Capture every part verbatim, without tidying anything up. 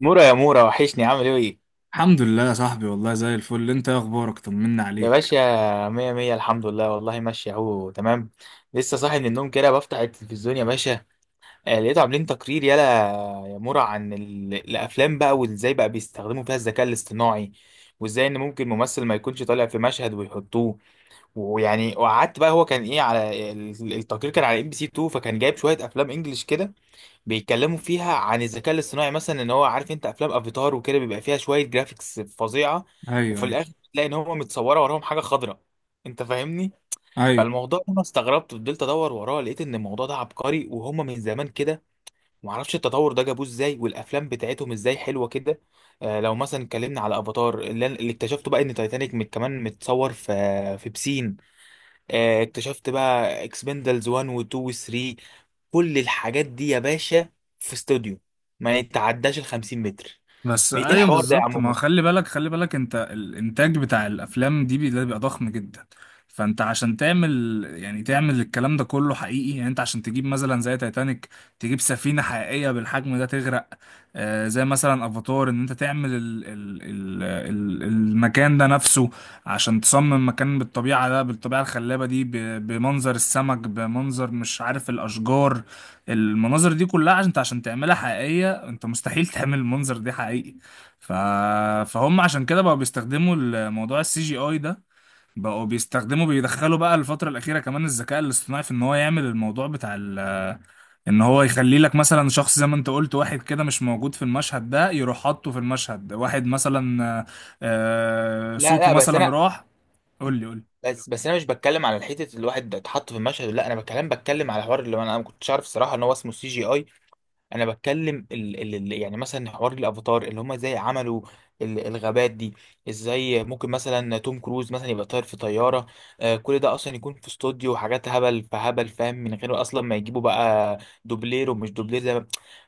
مورا يا مورا وحشني عامل ايه. الحمد لله يا صاحبي، والله زي الفل. انت ايه اخبارك؟ طمنا يا عليك. باشا مية مية الحمد لله والله ماشي اهو تمام. لسه صاحي من النوم كده بفتح التلفزيون يا باشا. آه، لقيته عاملين تقرير يلا يا مورا عن ال- الافلام بقى وازاي بقى بيستخدموا فيها الذكاء الاصطناعي، وازاي ان ممكن ممثل ما يكونش طالع في مشهد ويحطوه. ويعني وقعدت بقى هو كان ايه على ال- التقرير، كان على ام بي سي اتنين فكان جايب شوية افلام انجلش كده بيتكلموا فيها عن الذكاء الاصطناعي. مثلا ان هو عارف انت افلام افاتار وكده بيبقى فيها شويه جرافيكس فظيعه، ايوه، وفي ايوه، الاخر تلاقي ان هم متصوره وراهم حاجه خضراء. انت فاهمني؟ ايوه. فالموضوع ده انا استغربت، فضلت ادور وراه لقيت ان الموضوع ده عبقري وهم من زمان كده، ومعرفش التطور ده جابوه ازاي والافلام بتاعتهم ازاي حلوه كده. آه لو مثلا اتكلمنا على افاتار اللي, أنا- اللي اكتشفته بقى ان تايتانيك مت كمان متصور في في بسين. آه اكتشفت بقى اكسبندلز واحد و2 و3، كل الحاجات دي يا باشا في استوديو ما يتعداش ال خمسين متر. بس ايه ايوه الحوار ده يا عم بالظبط. ما هو مر؟ خلي بالك، خلي بالك، انت الانتاج بتاع الافلام دي بي- ده بيبقى ضخم جدا. فانت عشان تعمل، يعني تعمل الكلام ده كله حقيقي، يعني انت عشان تجيب مثلا زي تايتانيك، تجيب سفينة حقيقية بالحجم ده تغرق. آه، زي مثلا افاتار، ان انت تعمل ال ال ال ال المكان ده نفسه، عشان تصمم مكان بالطبيعة ده، بالطبيعة الخلابة دي، ب- بمنظر السمك، بمنظر مش عارف الاشجار، المناظر دي كلها، عشان انت عشان تعملها حقيقية، انت مستحيل تعمل المنظر دي حقيقي. ف... فهم عشان كده بقوا بيستخدموا الموضوع السي جي اي ده. بقوا بيستخدموا، بيدخلوا بقى الفترة الأخيرة كمان الذكاء الاصطناعي، في ان هو يعمل الموضوع بتاع ال... ان هو يخلي لك مثلا شخص زي ما انت قلت، واحد كده مش موجود في المشهد ده، يروح حاطه في المشهد. واحد مثلا، آه، آه، لا صوته لا بس مثلا انا، راح. قول لي، قول لي. بس بس انا مش بتكلم على الحته اللي الواحد اتحط في المشهد، لا انا بتكلم بتكلم على الحوار اللي انا أنا ما كنتش عارف الصراحه ان هو اسمه سي جي اي. انا بتكلم ال ال ال- يعني مثلا حوار الافاتار اللي هم ازاي عملوا ال- الغابات دي، ازاي ممكن مثلا توم كروز مثلا يبقى طاير في طياره. آه كل ده اصلا يكون في استوديو وحاجات هبل فهبل، فاهم؟ من غير اصلا ما يجيبوا بقى دوبلير ومش دوبلير زي ما.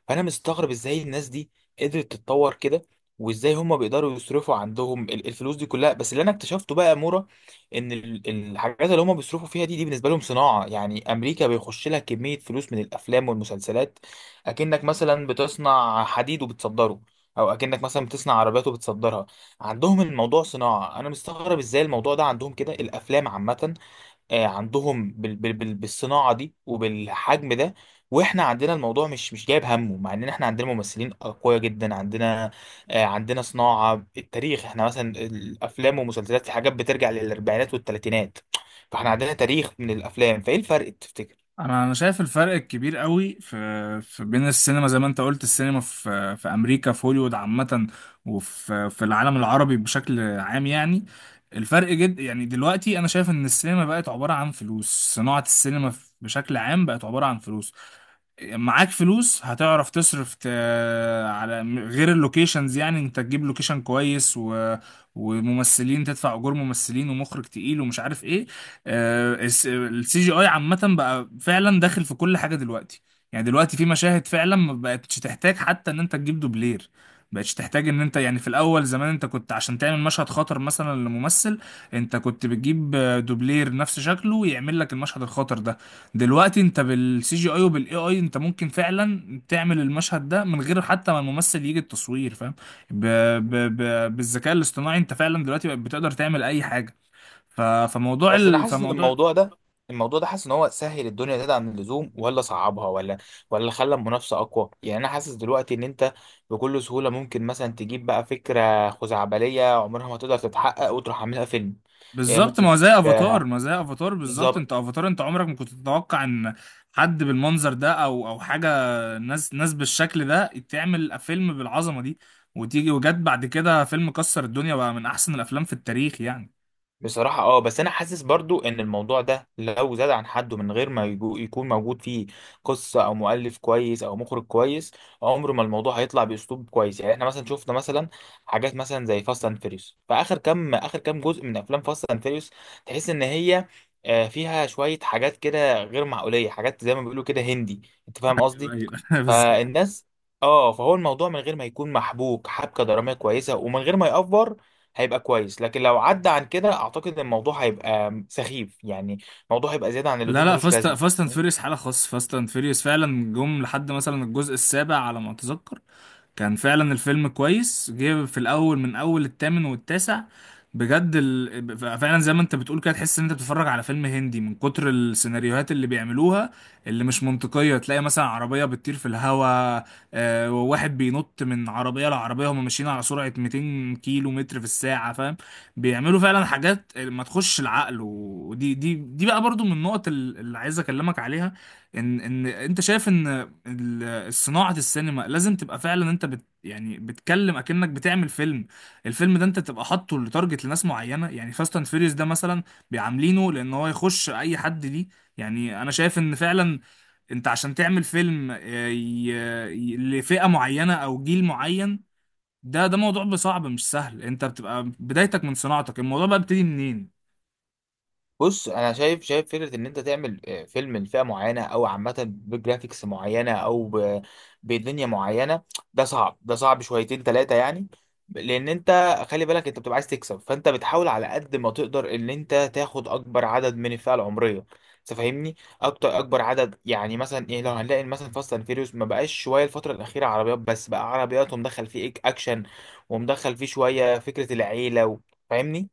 فانا مستغرب ازاي الناس دي قدرت تتطور كده، وازاي هم بيقدروا يصرفوا عندهم ال- الفلوس دي كلها. بس اللي انا اكتشفته بقى يا مورا ان ال- الحاجات اللي هم بيصرفوا فيها دي دي بالنسبه لهم صناعه. يعني امريكا بيخش لها كميه فلوس من الافلام والمسلسلات، اكنك مثلا بتصنع حديد وبتصدره، او اكنك مثلا بتصنع عربيات وبتصدرها. عندهم الموضوع صناعه، انا مستغرب ازاي الموضوع ده عندهم كده الافلام عامه. آه، عندهم بال بال بال بالصناعه دي وبالحجم ده، واحنا عندنا الموضوع مش مش جايب همه، مع ان احنا عندنا ممثلين اقوياء جدا. عندنا، آه، عندنا صناعه، التاريخ احنا مثلا الافلام والمسلسلات في حاجات بترجع للاربعينات والثلاثينات. فاحنا عندنا تاريخ من الافلام، فايه الفرق تفتكر؟ انا انا شايف الفرق الكبير قوي في في بين السينما زي ما انت قلت، السينما في في امريكا، في هوليوود عامه، وفي في العالم العربي بشكل عام يعني. الفرق جد، يعني دلوقتي انا شايف ان السينما بقت عباره عن فلوس. صناعه السينما بشكل عام بقت عباره عن فلوس. معاك فلوس هتعرف تصرف، ت... على م- غير اللوكيشنز. يعني انت تجيب لوكيشن كويس و... وممثلين، تدفع اجور ممثلين ومخرج تقيل ومش عارف ايه. السي جي اي عامة بقى فعلا داخل في كل حاجة دلوقتي. يعني دلوقتي في مشاهد فعلا ما بقتش تحتاج حتى ان انت تجيب دوبلير. بقتش تحتاج ان انت يعني، في الاول زمان انت كنت عشان تعمل مشهد خطر مثلا لممثل، انت كنت بتجيب آه، دوبلير نفس شكله يعمل لك المشهد الخطر ده. دلوقتي انت بالسي جي اي وبالاي اي، انت ممكن فعلا تعمل المشهد ده من غير حتى ما الممثل يجي التصوير، فاهم؟ ب... ب... ب... بالذكاء الاصطناعي انت فعلا دلوقتي بقت بتقدر تعمل اي حاجه. ف... فموضوع بس انا ال... حاسس ان فموضوع الموضوع ده، الموضوع ده حاسس ان هو سهل الدنيا زيادة عن اللزوم ولا صعبها، ولا ولا خلى المنافسه اقوى؟ يعني انا حاسس دلوقتي ان انت بكل سهوله ممكن مثلا تجيب بقى فكره خزعبليه عمرها ما تقدر تتحقق وتروح عاملها فيلم. آه، بالظبط. ممكن ما هو زي تجيب- آه، افاتار، ما هو زي افاتار بالظبط. بالظبط. انت افاتار انت عمرك ما كنت تتوقع ان حد بالمنظر ده او او حاجه، ناس، ناس بالشكل ده تعمل فيلم بالعظمه دي، وتيجي وجت بعد كده فيلم كسر الدنيا بقى، من احسن الافلام في التاريخ يعني. بصراحة اه، بس انا حاسس برضو ان الموضوع ده لو زاد عن حده من غير ما يجو- يكون موجود فيه قصة او مؤلف كويس او مخرج كويس، عمر ما الموضوع هيطلع باسلوب كويس. يعني احنا مثلا شفنا مثلا حاجات مثلا زي فاست اند فيريوس، فاخر كام اخر كام جزء من افلام فاست اند فيريوس تحس ان هي آه، فيها شوية حاجات كده غير معقولية، حاجات زي ما بيقولوا كده هندي. انت فاهم قصدي؟ ايوه بالظبط. فالناس، اه فهو الموضوع من غير ما يكون محبوك حبكة درامية كويسة ومن غير ما يأفور هيبقى كويس، لكن لو عدى عن كده اعتقد ان الموضوع هيبقى سخيف. يعني الموضوع هيبقى زيادة عن لا اللزوم لا، ملوش فاست لازمة. فاست اند فيريوس حاله خاصه. فاست اند فيريوس فعلا جم لحد مثلا الجزء السابع على ما اتذكر، كان فعلا الفيلم كويس، جه في الاول من اول التامن والتاسع بجد ال... فعلا زي ما انت بتقول كده، تحس ان انت بتتفرج على فيلم هندي من كتر السيناريوهات اللي بيعملوها اللي مش منطقية. تلاقي مثلا عربية بتطير في الهواء، آه، وواحد بينط من عربية لعربية، هم ماشيين على سرعة ميتين كيلو متر في الساعة، فاهم؟ بيعملوا فعلا حاجات ما تخش العقل. ودي دي دي بقى برضو من النقط اللي عايز اكلمك عليها. ان ان انت شايف ان صناعة السينما لازم تبقى فعلا، انت بت يعني بتكلم اكنك بتعمل فيلم. الفيلم ده انت تبقى حاطه لتارجت لناس معينة. يعني فاست اند فيريوس ده مثلا بيعاملينه لان هو يخش اي حد ليه. يعني انا شايف ان فعلا انت عشان تعمل فيلم، آه، ي- ي- لفئة معينة او جيل معين، ده ده موضوع صعب مش سهل. انت بتبقى بدايتك من صناعتك، الموضوع بقى بيبتدي منين؟ بص انا شايف شايف فكره ان انت تعمل آه، فيلم لفئه معينه او عامه بجرافيكس معينه او ب- بدنيا معينه، ده صعب ده صعب شويتين ثلاثه يعني. لان انت خلي بالك انت بتبقى عايز تكسب، فانت بتحاول على قد ما تقدر ان انت تاخد اكبر عدد من الفئه العمريه. انت فاهمني؟ اكتر اكبر عدد، يعني مثلا ايه لو هنلاقي مثلا فاست اند فيريوس ما بقاش شويه الفتره الاخيره عربيات بس، بقى عربيات ومدخل فيه إك- اكشن ومدخل فيه شويه فكره العيله و- فاهمني؟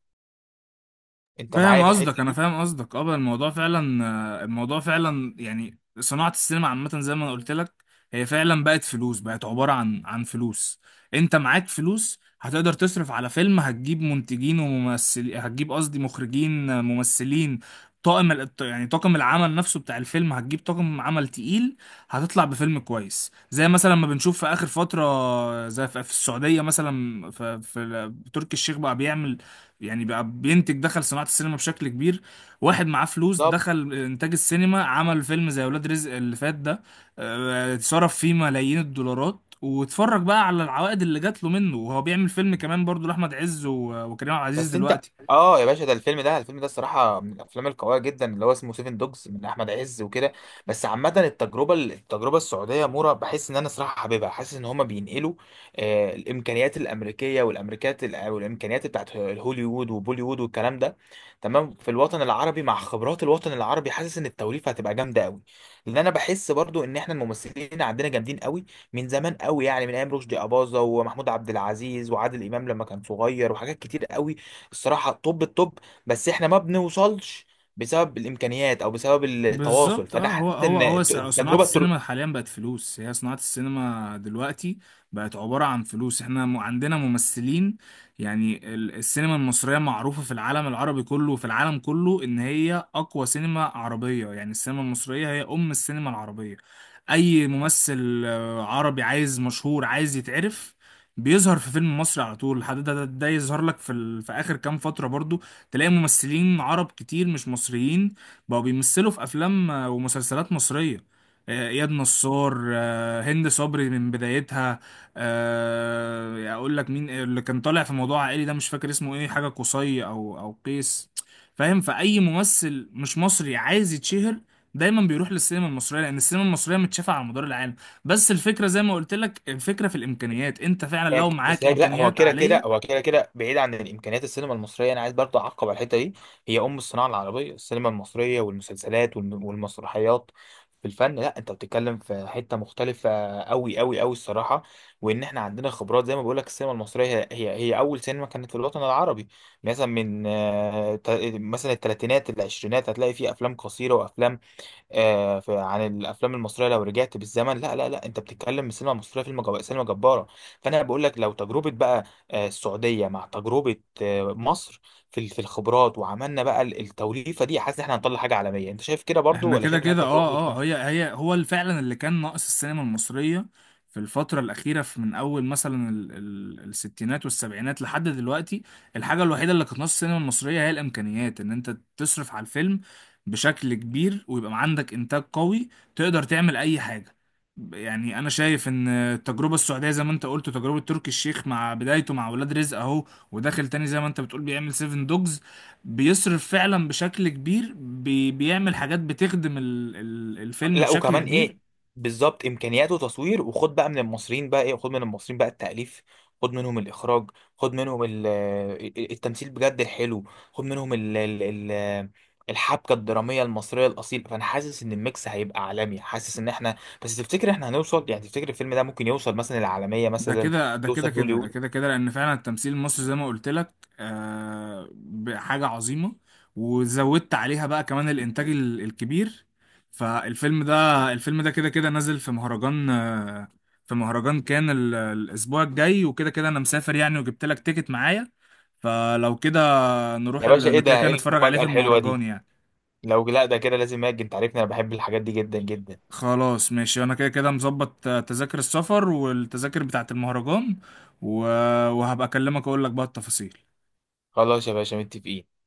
انت فاهم معايا في قصدك، انا الحته فاهم قصدك. اه، بقى الموضوع فعلا، آه، الموضوع فعلا يعني صناعة السينما عامة زي ما انا قلت لك، هي فعلا بقت فلوس، بقت عبارة عن عن فلوس. انت معاك فلوس هتقدر تصرف على فيلم، هتجيب منتجين وممثلين، هتجيب قصدي مخرجين، آه، ممثلين، طاقم ال- يعني طاقم العمل نفسه بتاع الفيلم، هتجيب طاقم عمل تقيل، هتطلع بفيلم كويس زي مثلا ما بنشوف في اخر فترة. آه، زي في في السعودية مثلا، في, في تركي الشيخ بقى بيعمل، يعني بقى بينتج، دخل صناعة السينما بشكل كبير. واحد معاه فلوس دي؟ دخل إنتاج السينما، عمل فيلم زي ولاد رزق اللي فات ده. آه، صرف فيه ملايين الدولارات، واتفرج بقى على العوائد اللي جات له منه. وهو بيعمل فيلم كمان برضو لأحمد عز و- وكريم عبد العزيز بس انت، دلوقتي. اه يا باشا ده الفيلم ده، الفيلم ده الصراحه من الافلام القويه جدا اللي هو اسمه سيفن دوجز من احمد عز وكده. بس عامه التجربه التجربه السعوديه مورا بحس ان انا صراحه حاببها، حاسس ان هما بينقلوا آه الامكانيات الامريكيه والامريكات الأ- والامكانيات بتاعت هوليوود وبوليوود والكلام ده، تمام؟ في الوطن العربي مع خبرات الوطن العربي حاسس ان التوليفه هتبقى جامده قوي، لان انا بحس برضو ان احنا الممثلين عندنا جامدين قوي من زمان قوي. يعني من ايام رشدي اباظه ومحمود عبد العزيز وعادل امام لما كان صغير، وحاجات كتير قوي الصراحه. طب الطب بس احنا ما بنوصلش بسبب الامكانيات او بسبب التواصل، بالظبط. فانا اه، هو حاسس هو ان هو س- صناعة التجربه، السينما حاليا بقت فلوس. هي صناعة السينما دلوقتي بقت عبارة عن فلوس. احنا م- عندنا ممثلين. يعني ال- السينما المصرية معروفة في العالم العربي كله، وفي العالم كله ان هي اقوى سينما عربية. يعني السينما المصرية هي ام السينما العربية. اي ممثل آه، عربي عايز مشهور، عايز يتعرف، بيظهر في فيلم مصري على طول. لحد ده, ده, ده يظهر لك في, ال... في اخر كام فترة برضو، تلاقي ممثلين عرب كتير مش مصريين بقوا بيمثلوا في افلام آه، ومسلسلات مصريه. آه، اياد نصار، آه، هند صبري من بدايتها. آه، اقول لك مين اللي كان طالع في موضوع عائلي ده، مش فاكر اسمه ايه، حاجه قصي او او قيس. فاهم؟ فاي ممثل مش مصري عايز يتشهر، دايما بيروح للسينما المصريه، لان السينما المصريه متشافه على مدار العالم. بس الفكره زي ما قلت لك، الفكره في الامكانيات. انت فعلا لو هيك- بس معاك هيك لا هو امكانيات كده كده، عاليه، هو كده كده بعيد عن الامكانيات السينما المصريه، انا عايز برضه اعقب على الحته دي. هي ام الصناعه العربيه، السينما المصريه والمسلسلات والم- والمسرحيات في الفن. لا انت بتتكلم في حته مختلفه قوي قوي قوي الصراحه، وان احنا عندنا خبرات. زي ما بقول لك السينما المصريه هي هي هي اول سينما كانت في الوطن العربي. مثلا من آه، تا- مثلا الثلاثينات العشرينات هتلاقي فيه افلام قصيره وافلام آه، في عن الافلام المصريه لو رجعت بالزمن. لا لا لا انت بتتكلم السينما المصريه فيلم جب... سينما جباره. فانا بقول لك لو تجربه بقى آه، السعوديه مع تجربه آه، مصر في ال- في الخبرات، وعملنا بقى ال- التوليفه دي، حاسس ان احنا هنطلع حاجه عالميه. انت شايف كده برضو احنا ولا كده شايف ان هي كده. تجربه؟ اه اه هي هي هو اللي فعلا، اللي كان ناقص السينما المصرية في الفترة الأخيرة، في من أول مثلا ال- ال- الستينات والسبعينات لحد دلوقتي، الحاجة الوحيدة اللي كانت ناقص السينما المصرية هي الإمكانيات. إن أنت تصرف على الفيلم بشكل كبير، ويبقى عندك إنتاج قوي، تقدر تعمل أي حاجة. يعني أنا شايف إن التجربة السعودية زي ما أنت قلت، تجربة تركي الشيخ مع بدايته مع ولاد رزق أهو، وداخل تاني زي ما أنت بتقول بيعمل سيفن دوجز. بيصرف فعلا بشكل كبير، بي بيعمل حاجات بتخدم ال ال الفيلم لا بشكل وكمان كبير. ايه، بالظبط امكانياته تصوير، وخد بقى من المصريين بقى ايه، خد من المصريين بقى التأليف، خد منهم الاخراج، خد منهم ال- آه، التمثيل بجد الحلو، خد منهم ال ال ال الحبكة الدرامية المصرية الأصيل. فأنا حاسس إن الميكس هيبقى عالمي، حاسس إن إحنا، بس تفتكر إحنا هنوصل؟ يعني تفتكر الفيلم ده ممكن يوصل مثلا العالمية، ده مثلا كده ده كده يوصل كده، ده هوليوود؟ كده كده، لأن فعلا التمثيل المصري زي ما قلت لك آه، ب- حاجة عظيمة. وزودت عليها بقى كمان الإنتاج ال- الكبير. فالفيلم ده، الفيلم ده كده كده نازل في مهرجان، آه، في مهرجان كان ال- الأسبوع الجاي، وكده كده أنا مسافر يعني، وجبت لك تيكت معايا. فلو كده، نروح يا باشا إيه ال- كده ده، كده إيه نتفرج عليه المفاجأة في الحلوة دي؟ المهرجان يعني. لو لا ده كده لازم أجي، أنت عارفني أنا بحب الحاجات دي جدا جدا. خلاص ماشي، انا كده كده مظبط، آه، تذاكر السفر والتذاكر بتاعة المهرجان، و... وهبقى اكلمك اقول لك بقى التفاصيل. خلاص يا باشا متفقين